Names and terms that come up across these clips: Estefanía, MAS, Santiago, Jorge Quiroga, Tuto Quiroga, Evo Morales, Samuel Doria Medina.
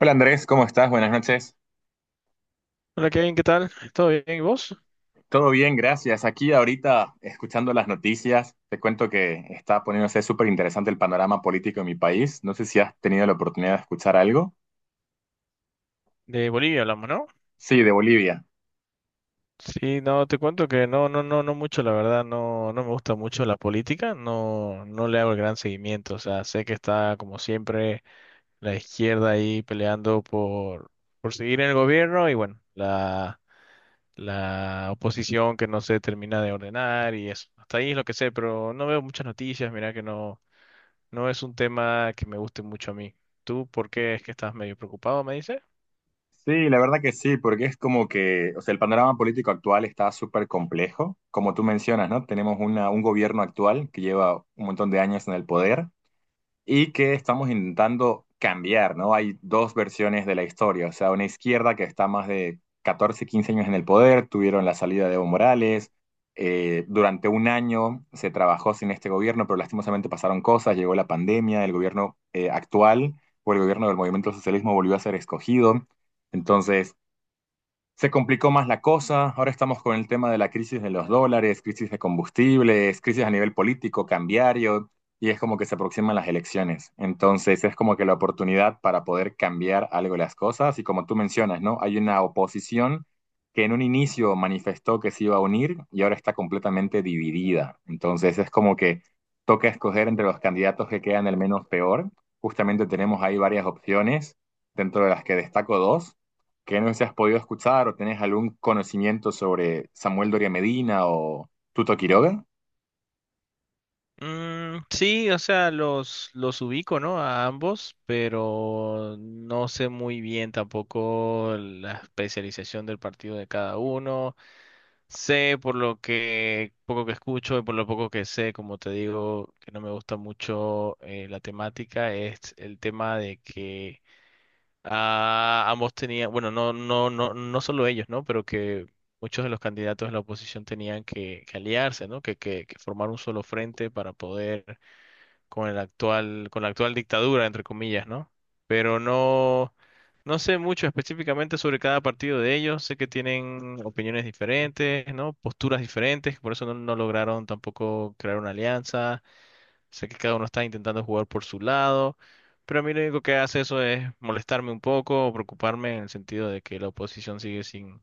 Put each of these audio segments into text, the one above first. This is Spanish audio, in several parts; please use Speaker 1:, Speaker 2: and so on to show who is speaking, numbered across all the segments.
Speaker 1: Hola Andrés, ¿cómo estás? Buenas noches.
Speaker 2: Hola Kevin, ¿qué tal? ¿Todo bien? ¿Y vos?
Speaker 1: Todo bien, gracias. Aquí ahorita escuchando las noticias, te cuento que está poniéndose súper interesante el panorama político en mi país. No sé si has tenido la oportunidad de escuchar algo.
Speaker 2: De Bolivia hablamos, ¿no?
Speaker 1: Sí, de Bolivia.
Speaker 2: Sí, no, te cuento que no, no, no, no mucho, la verdad, no, no me gusta mucho la política, no, no le hago el gran seguimiento, o sea, sé que está como siempre la izquierda ahí peleando por seguir en el gobierno y bueno, la oposición que no se termina de ordenar y eso. Hasta ahí es lo que sé, pero no veo muchas noticias, mira que no, no es un tema que me guste mucho a mí. ¿Tú por qué es que estás medio preocupado, me dices?
Speaker 1: Sí, la verdad que sí, porque es como que, o sea, el panorama político actual está súper complejo. Como tú mencionas, ¿no? Tenemos un gobierno actual que lleva un montón de años en el poder y que estamos intentando cambiar, ¿no? Hay dos versiones de la historia, o sea, una izquierda que está más de 14 o 15 años en el poder, tuvieron la salida de Evo Morales, durante un año se trabajó sin este gobierno, pero lastimosamente pasaron cosas, llegó la pandemia, el gobierno actual o el gobierno del movimiento socialismo volvió a ser escogido, entonces se complicó más la cosa. Ahora estamos con el tema de la crisis de los dólares, crisis de combustibles, crisis a nivel político, cambiario, y es como que se aproximan las elecciones. Entonces es como que la oportunidad para poder cambiar algo de las cosas, y como tú mencionas, ¿no? Hay una oposición que en un inicio manifestó que se iba a unir y ahora está completamente dividida. Entonces es como que toca escoger entre los candidatos que quedan el menos peor. Justamente tenemos ahí varias opciones, dentro de las que destaco dos que no se has podido escuchar o ¿tenés algún conocimiento sobre Samuel Doria Medina o Tuto Quiroga?
Speaker 2: Mm, sí, o sea, los ubico, ¿no? A ambos, pero no sé muy bien tampoco la especialización del partido de cada uno. Sé por lo que poco que escucho y por lo poco que sé, como te digo, que no me gusta mucho la temática, es el tema de que ah, ambos tenían, bueno, no, no, no, no solo ellos, ¿no? Pero que muchos de los candidatos de la oposición tenían que aliarse, ¿no? Que formar un solo frente para poder con el actual, con la actual dictadura, entre comillas, ¿no? Pero no, no sé mucho específicamente sobre cada partido de ellos. Sé que tienen opiniones diferentes, ¿no? Posturas diferentes, por eso no, no lograron tampoco crear una alianza. Sé que cada uno está intentando jugar por su lado, pero a mí lo único que hace eso es molestarme un poco o preocuparme en el sentido de que la oposición sigue sin,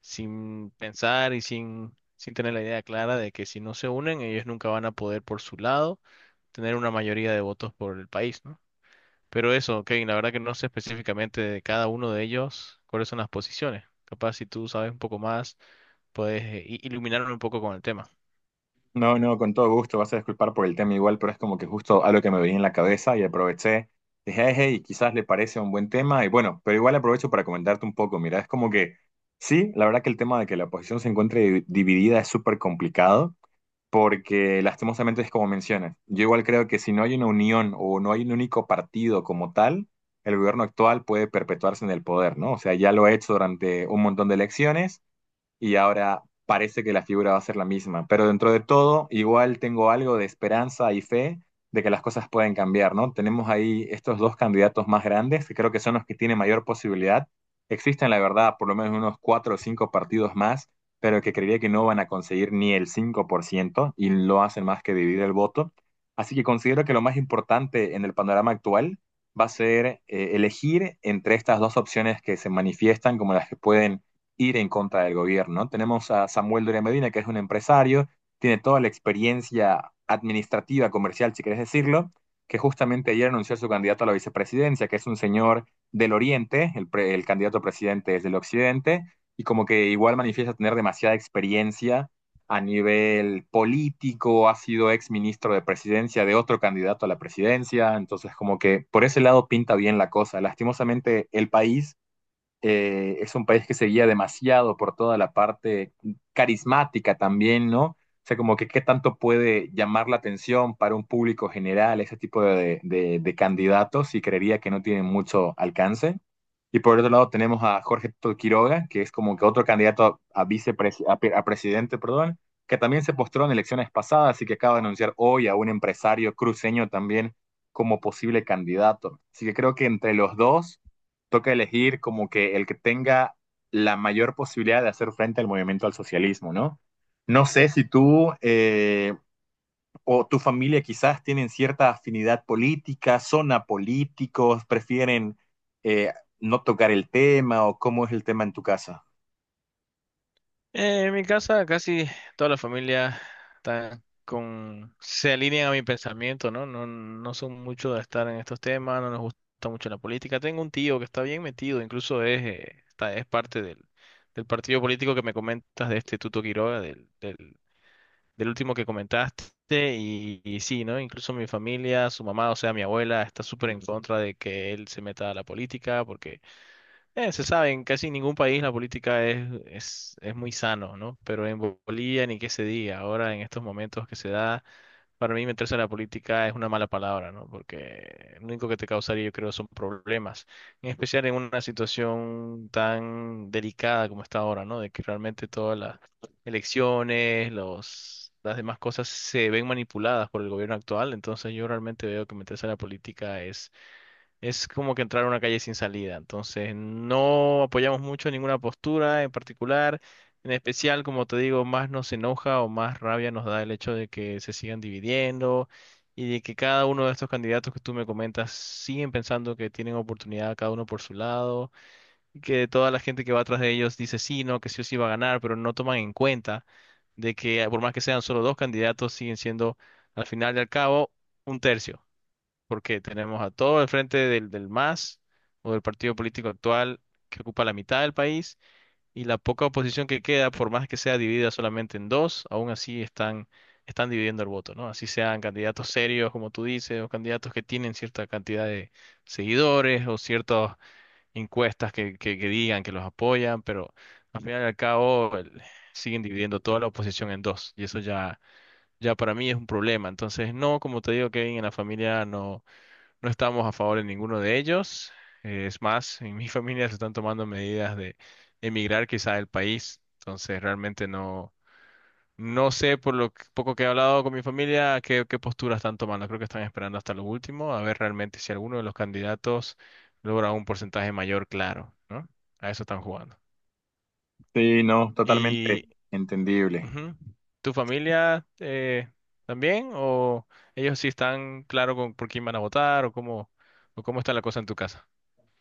Speaker 2: sin pensar y sin, sin tener la idea clara de que si no se unen, ellos nunca van a poder por su lado tener una mayoría de votos por el país, ¿no? Pero eso, Kevin, la verdad que no sé específicamente de cada uno de ellos cuáles son las posiciones. Capaz si tú sabes un poco más, puedes iluminarme un poco con el tema.
Speaker 1: No, no, con todo gusto, vas a disculpar por el tema igual, pero es como que justo algo que me venía en la cabeza y aproveché. Dije, hey, hey, quizás le parece un buen tema y bueno, pero igual aprovecho para comentarte un poco. Mira, es como que sí, la verdad que el tema de que la oposición se encuentre dividida es súper complicado. Porque lastimosamente es como mencionas. Yo igual creo que si no hay una unión o no hay un único partido como tal, el gobierno actual puede perpetuarse en el poder, ¿no? O sea, ya lo ha hecho durante un montón de elecciones y ahora parece que la figura va a ser la misma. Pero dentro de todo, igual tengo algo de esperanza y fe de que las cosas pueden cambiar, ¿no? Tenemos ahí estos dos candidatos más grandes, que creo que son los que tienen mayor posibilidad. Existen, la verdad, por lo menos unos cuatro o cinco partidos más, pero que creería que no van a conseguir ni el 5% y lo hacen más que dividir el voto. Así que considero que lo más importante en el panorama actual va a ser elegir entre estas dos opciones que se manifiestan como las que pueden ir en contra del gobierno. ¿No? Tenemos a Samuel Doria Medina, que es un empresario, tiene toda la experiencia administrativa, comercial, si querés decirlo, que justamente ayer anunció su candidato a la vicepresidencia, que es un señor del Oriente, el candidato a presidente es del Occidente, y como que igual manifiesta tener demasiada experiencia a nivel político, ha sido ex ministro de presidencia de otro candidato a la presidencia, entonces como que por ese lado pinta bien la cosa. Lastimosamente el país es un país que se guía demasiado por toda la parte carismática también, ¿no? O sea, como que qué tanto puede llamar la atención para un público general ese tipo de candidatos y creería que no tienen mucho alcance. Y por otro lado tenemos a Jorge Quiroga, que es como que otro candidato a presidente, perdón, que también se postró en elecciones pasadas y que acaba de anunciar hoy a un empresario cruceño también como posible candidato. Así que creo que entre los dos toca elegir como que el que tenga la mayor posibilidad de hacer frente al movimiento al socialismo, ¿no? No sé si tú o tu familia quizás tienen cierta afinidad política, son apolíticos, prefieren eh, no tocar el tema o cómo es el tema en tu casa.
Speaker 2: En mi casa casi toda la familia está con, se alinean a mi pensamiento, ¿no? No, no son mucho de estar en estos temas, no nos gusta mucho la política. Tengo un tío que está bien metido, incluso es, está, es parte del partido político que me comentas de este Tuto Quiroga, del último que comentaste, y sí, ¿no? Incluso mi familia, su mamá, o sea, mi abuela, está súper en contra de que él se meta a la política porque se sabe, en casi ningún país la política es muy sano, ¿no? Pero en Bolivia ni qué se diga. Ahora, en estos momentos que se da, para mí meterse en la política es una mala palabra, ¿no? Porque lo único que te causaría, yo creo, son problemas. En especial en una situación tan delicada como está ahora, ¿no? De que realmente todas las elecciones, los, las demás cosas se ven manipuladas por el gobierno actual. Entonces, yo realmente veo que meterse en la política es como que entrar a una calle sin salida. Entonces, no apoyamos mucho ninguna postura en particular. En especial, como te digo, más nos enoja o más rabia nos da el hecho de que se sigan dividiendo y de que cada uno de estos candidatos que tú me comentas siguen pensando que tienen oportunidad cada uno por su lado y que toda la gente que va atrás de ellos dice sí, no, que sí o sí va a ganar, pero no toman en cuenta de que por más que sean solo dos candidatos, siguen siendo al final y al cabo un tercio porque tenemos a todo el frente del MAS o del partido político actual que ocupa la mitad del país y la poca oposición que queda, por más que sea dividida solamente en dos, aún así están, están dividiendo el voto, ¿no? Así sean candidatos serios, como tú dices, o candidatos que tienen cierta cantidad de seguidores o ciertas encuestas que digan que los apoyan, pero al final y al cabo siguen dividiendo toda la oposición en dos y eso ya, ya para mí es un problema. Entonces, no, como te digo, Kevin, en la familia no. No estamos a favor de ninguno de ellos. Es más, en mi familia se están tomando medidas de emigrar quizá del país. Entonces, realmente no, no sé por lo poco que he hablado con mi familia qué, qué postura están tomando. Creo que están esperando hasta lo último a ver realmente si alguno de los candidatos logra un porcentaje mayor, claro, ¿no? A eso están jugando.
Speaker 1: Sí, no,
Speaker 2: ¿Y
Speaker 1: totalmente entendible.
Speaker 2: ujú, tu familia también? ¿O ellos sí están claro con por quién van a votar o cómo está la cosa en tu casa?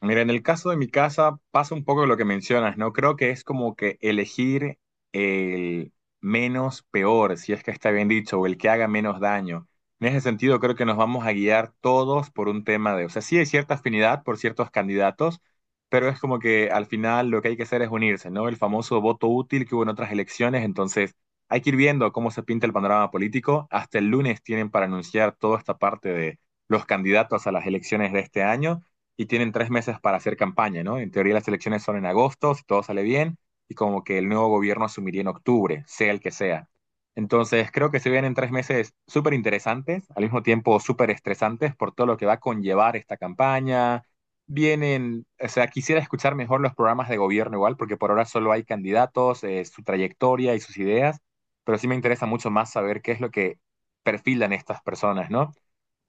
Speaker 1: Mira, en el caso de mi casa pasa un poco lo que mencionas, ¿no? Creo que es como que elegir el menos peor, si es que está bien dicho, o el que haga menos daño. En ese sentido, creo que nos vamos a guiar todos por un tema de, o sea, sí hay cierta afinidad por ciertos candidatos, pero es como que al final lo que hay que hacer es unirse, ¿no? El famoso voto útil que hubo en otras elecciones, entonces hay que ir viendo cómo se pinta el panorama político. Hasta el lunes tienen para anunciar toda esta parte de los candidatos a las elecciones de este año y tienen 3 meses para hacer campaña, ¿no? En teoría las elecciones son en agosto, si todo sale bien, y como que el nuevo gobierno asumiría en octubre, sea el que sea. Entonces creo que se vienen 3 meses súper interesantes, al mismo tiempo súper estresantes por todo lo que va a conllevar esta campaña. Vienen, o sea, quisiera escuchar mejor los programas de gobierno igual, porque por ahora solo hay candidatos, su trayectoria y sus ideas, pero sí me interesa mucho más saber qué es lo que perfilan estas personas, ¿no?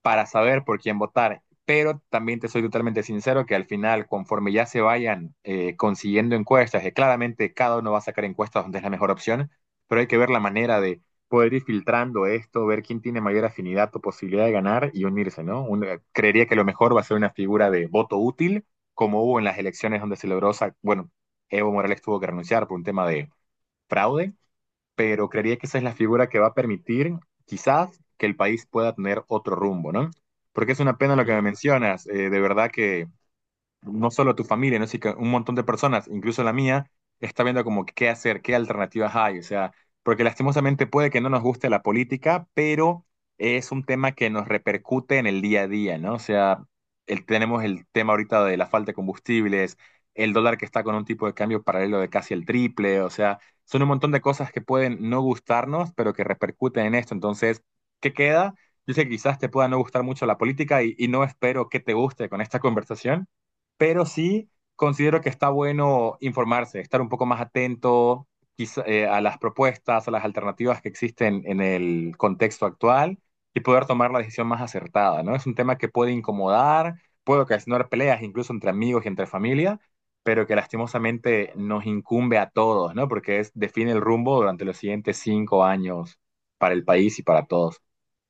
Speaker 1: Para saber por quién votar. Pero también te soy totalmente sincero que al final, conforme ya se vayan consiguiendo encuestas, que claramente cada uno va a sacar encuestas donde es la mejor opción, pero hay que ver la manera de poder ir filtrando esto, ver quién tiene mayor afinidad o posibilidad de ganar y unirse, ¿no? Creería que lo mejor va a ser una figura de voto útil, como hubo en las elecciones donde se logró, bueno, Evo Morales tuvo que renunciar por un tema de fraude, pero creería que esa es la figura que va a permitir quizás que el país pueda tener otro rumbo, ¿no? Porque es una pena lo que me mencionas, de verdad que no solo tu familia, ¿no? Sino que un montón de personas, incluso la mía, está viendo como qué hacer, qué alternativas hay. O sea, porque lastimosamente puede que no nos guste la política, pero es un tema que nos repercute en el día a día, ¿no? O sea, tenemos el tema ahorita de la falta de combustibles, el dólar que está con un tipo de cambio paralelo de casi el triple, o sea, son un montón de cosas que pueden no gustarnos, pero que repercuten en esto. Entonces, ¿qué queda? Yo sé que quizás te pueda no gustar mucho la política y no espero que te guste con esta conversación, pero sí considero que está bueno informarse, estar un poco más atento quizá, a las propuestas, a las alternativas que existen en el contexto actual y poder tomar la decisión más acertada, ¿no? Es un tema que puede incomodar, puede ocasionar peleas incluso entre amigos y entre familia, pero que lastimosamente nos incumbe a todos, ¿no? Porque es, define el rumbo durante los siguientes 5 años para el país y para todos.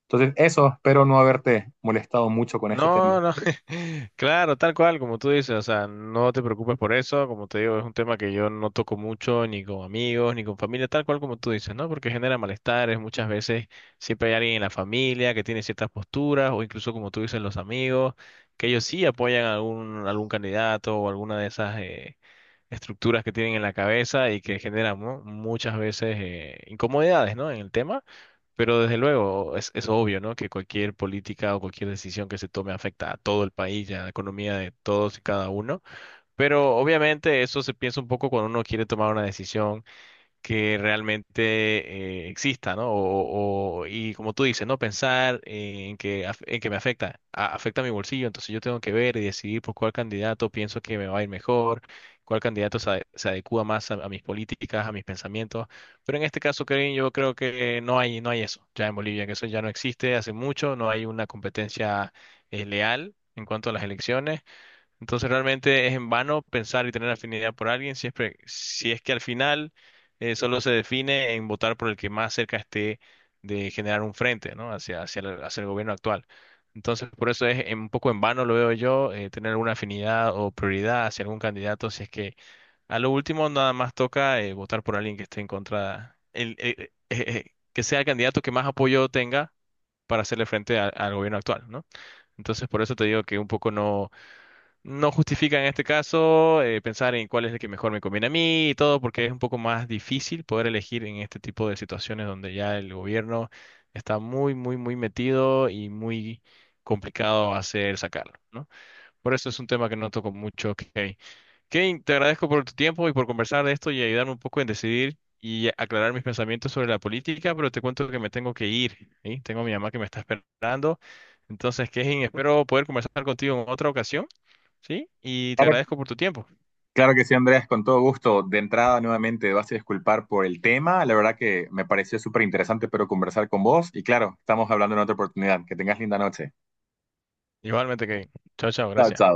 Speaker 1: Entonces, eso, espero no haberte molestado mucho con este tema.
Speaker 2: No, no, claro, tal cual, como tú dices, o sea, no te preocupes por eso, como te digo, es un tema que yo no toco mucho, ni con amigos, ni con familia, tal cual como tú dices, ¿no? Porque genera malestares, muchas veces siempre hay alguien en la familia que tiene ciertas posturas, o incluso como tú dices, los amigos, que ellos sí apoyan a algún, algún candidato o alguna de esas estructuras que tienen en la cabeza y que generan, ¿no? muchas veces incomodidades, ¿no? En el tema. Pero desde luego es obvio, ¿no? Que cualquier política o cualquier decisión que se tome afecta a todo el país y a la economía de todos y cada uno. Pero obviamente eso se piensa un poco cuando uno quiere tomar una decisión que realmente exista, ¿no? O- y como tú dices, ¿no? Pensar en que, en que me afecta, afecta a mi bolsillo, entonces yo tengo que ver y decidir por cuál candidato pienso que me va a ir mejor, cuál candidato se, se adecúa más a mis políticas, a mis pensamientos, pero en este caso, Kevin, yo creo que no hay, no hay eso, ya en Bolivia, que eso ya no existe hace mucho, no hay una competencia leal en cuanto a las elecciones. Entonces realmente es en vano pensar y tener afinidad por alguien siempre, si es que al final solo se define en votar por el que más cerca esté de generar un frente, ¿no? Hacia, hacia el gobierno actual. Entonces por eso es un poco en vano, lo veo yo, tener alguna afinidad o prioridad hacia algún candidato, si es que a lo último nada más toca votar por alguien que esté en contra, el, que sea el candidato que más apoyo tenga para hacerle frente al gobierno actual, ¿no? Entonces por eso te digo que un poco no no justifica en este caso pensar en cuál es el que mejor me conviene a mí y todo, porque es un poco más difícil poder elegir en este tipo de situaciones donde ya el gobierno está muy, muy, muy metido y muy complicado hacer sacarlo, ¿no? Por eso es un tema que no toco mucho. Kane, Kane, te agradezco por tu tiempo y por conversar de esto y ayudarme un poco en decidir y aclarar mis pensamientos sobre la política, pero te cuento que me tengo que ir, ¿sí? Tengo a mi mamá que me está esperando. Entonces, Kane, espero poder conversar contigo en otra ocasión ¿sí? Y te
Speaker 1: Claro.
Speaker 2: agradezco por tu tiempo.
Speaker 1: Claro que sí, Andrés, con todo gusto. De entrada, nuevamente, vas a disculpar por el tema. La verdad que me pareció súper interesante, pero conversar con vos. Y claro, estamos hablando en otra oportunidad. Que tengas linda noche.
Speaker 2: Igualmente, que chao, chao,
Speaker 1: Chao,
Speaker 2: gracias.
Speaker 1: chao.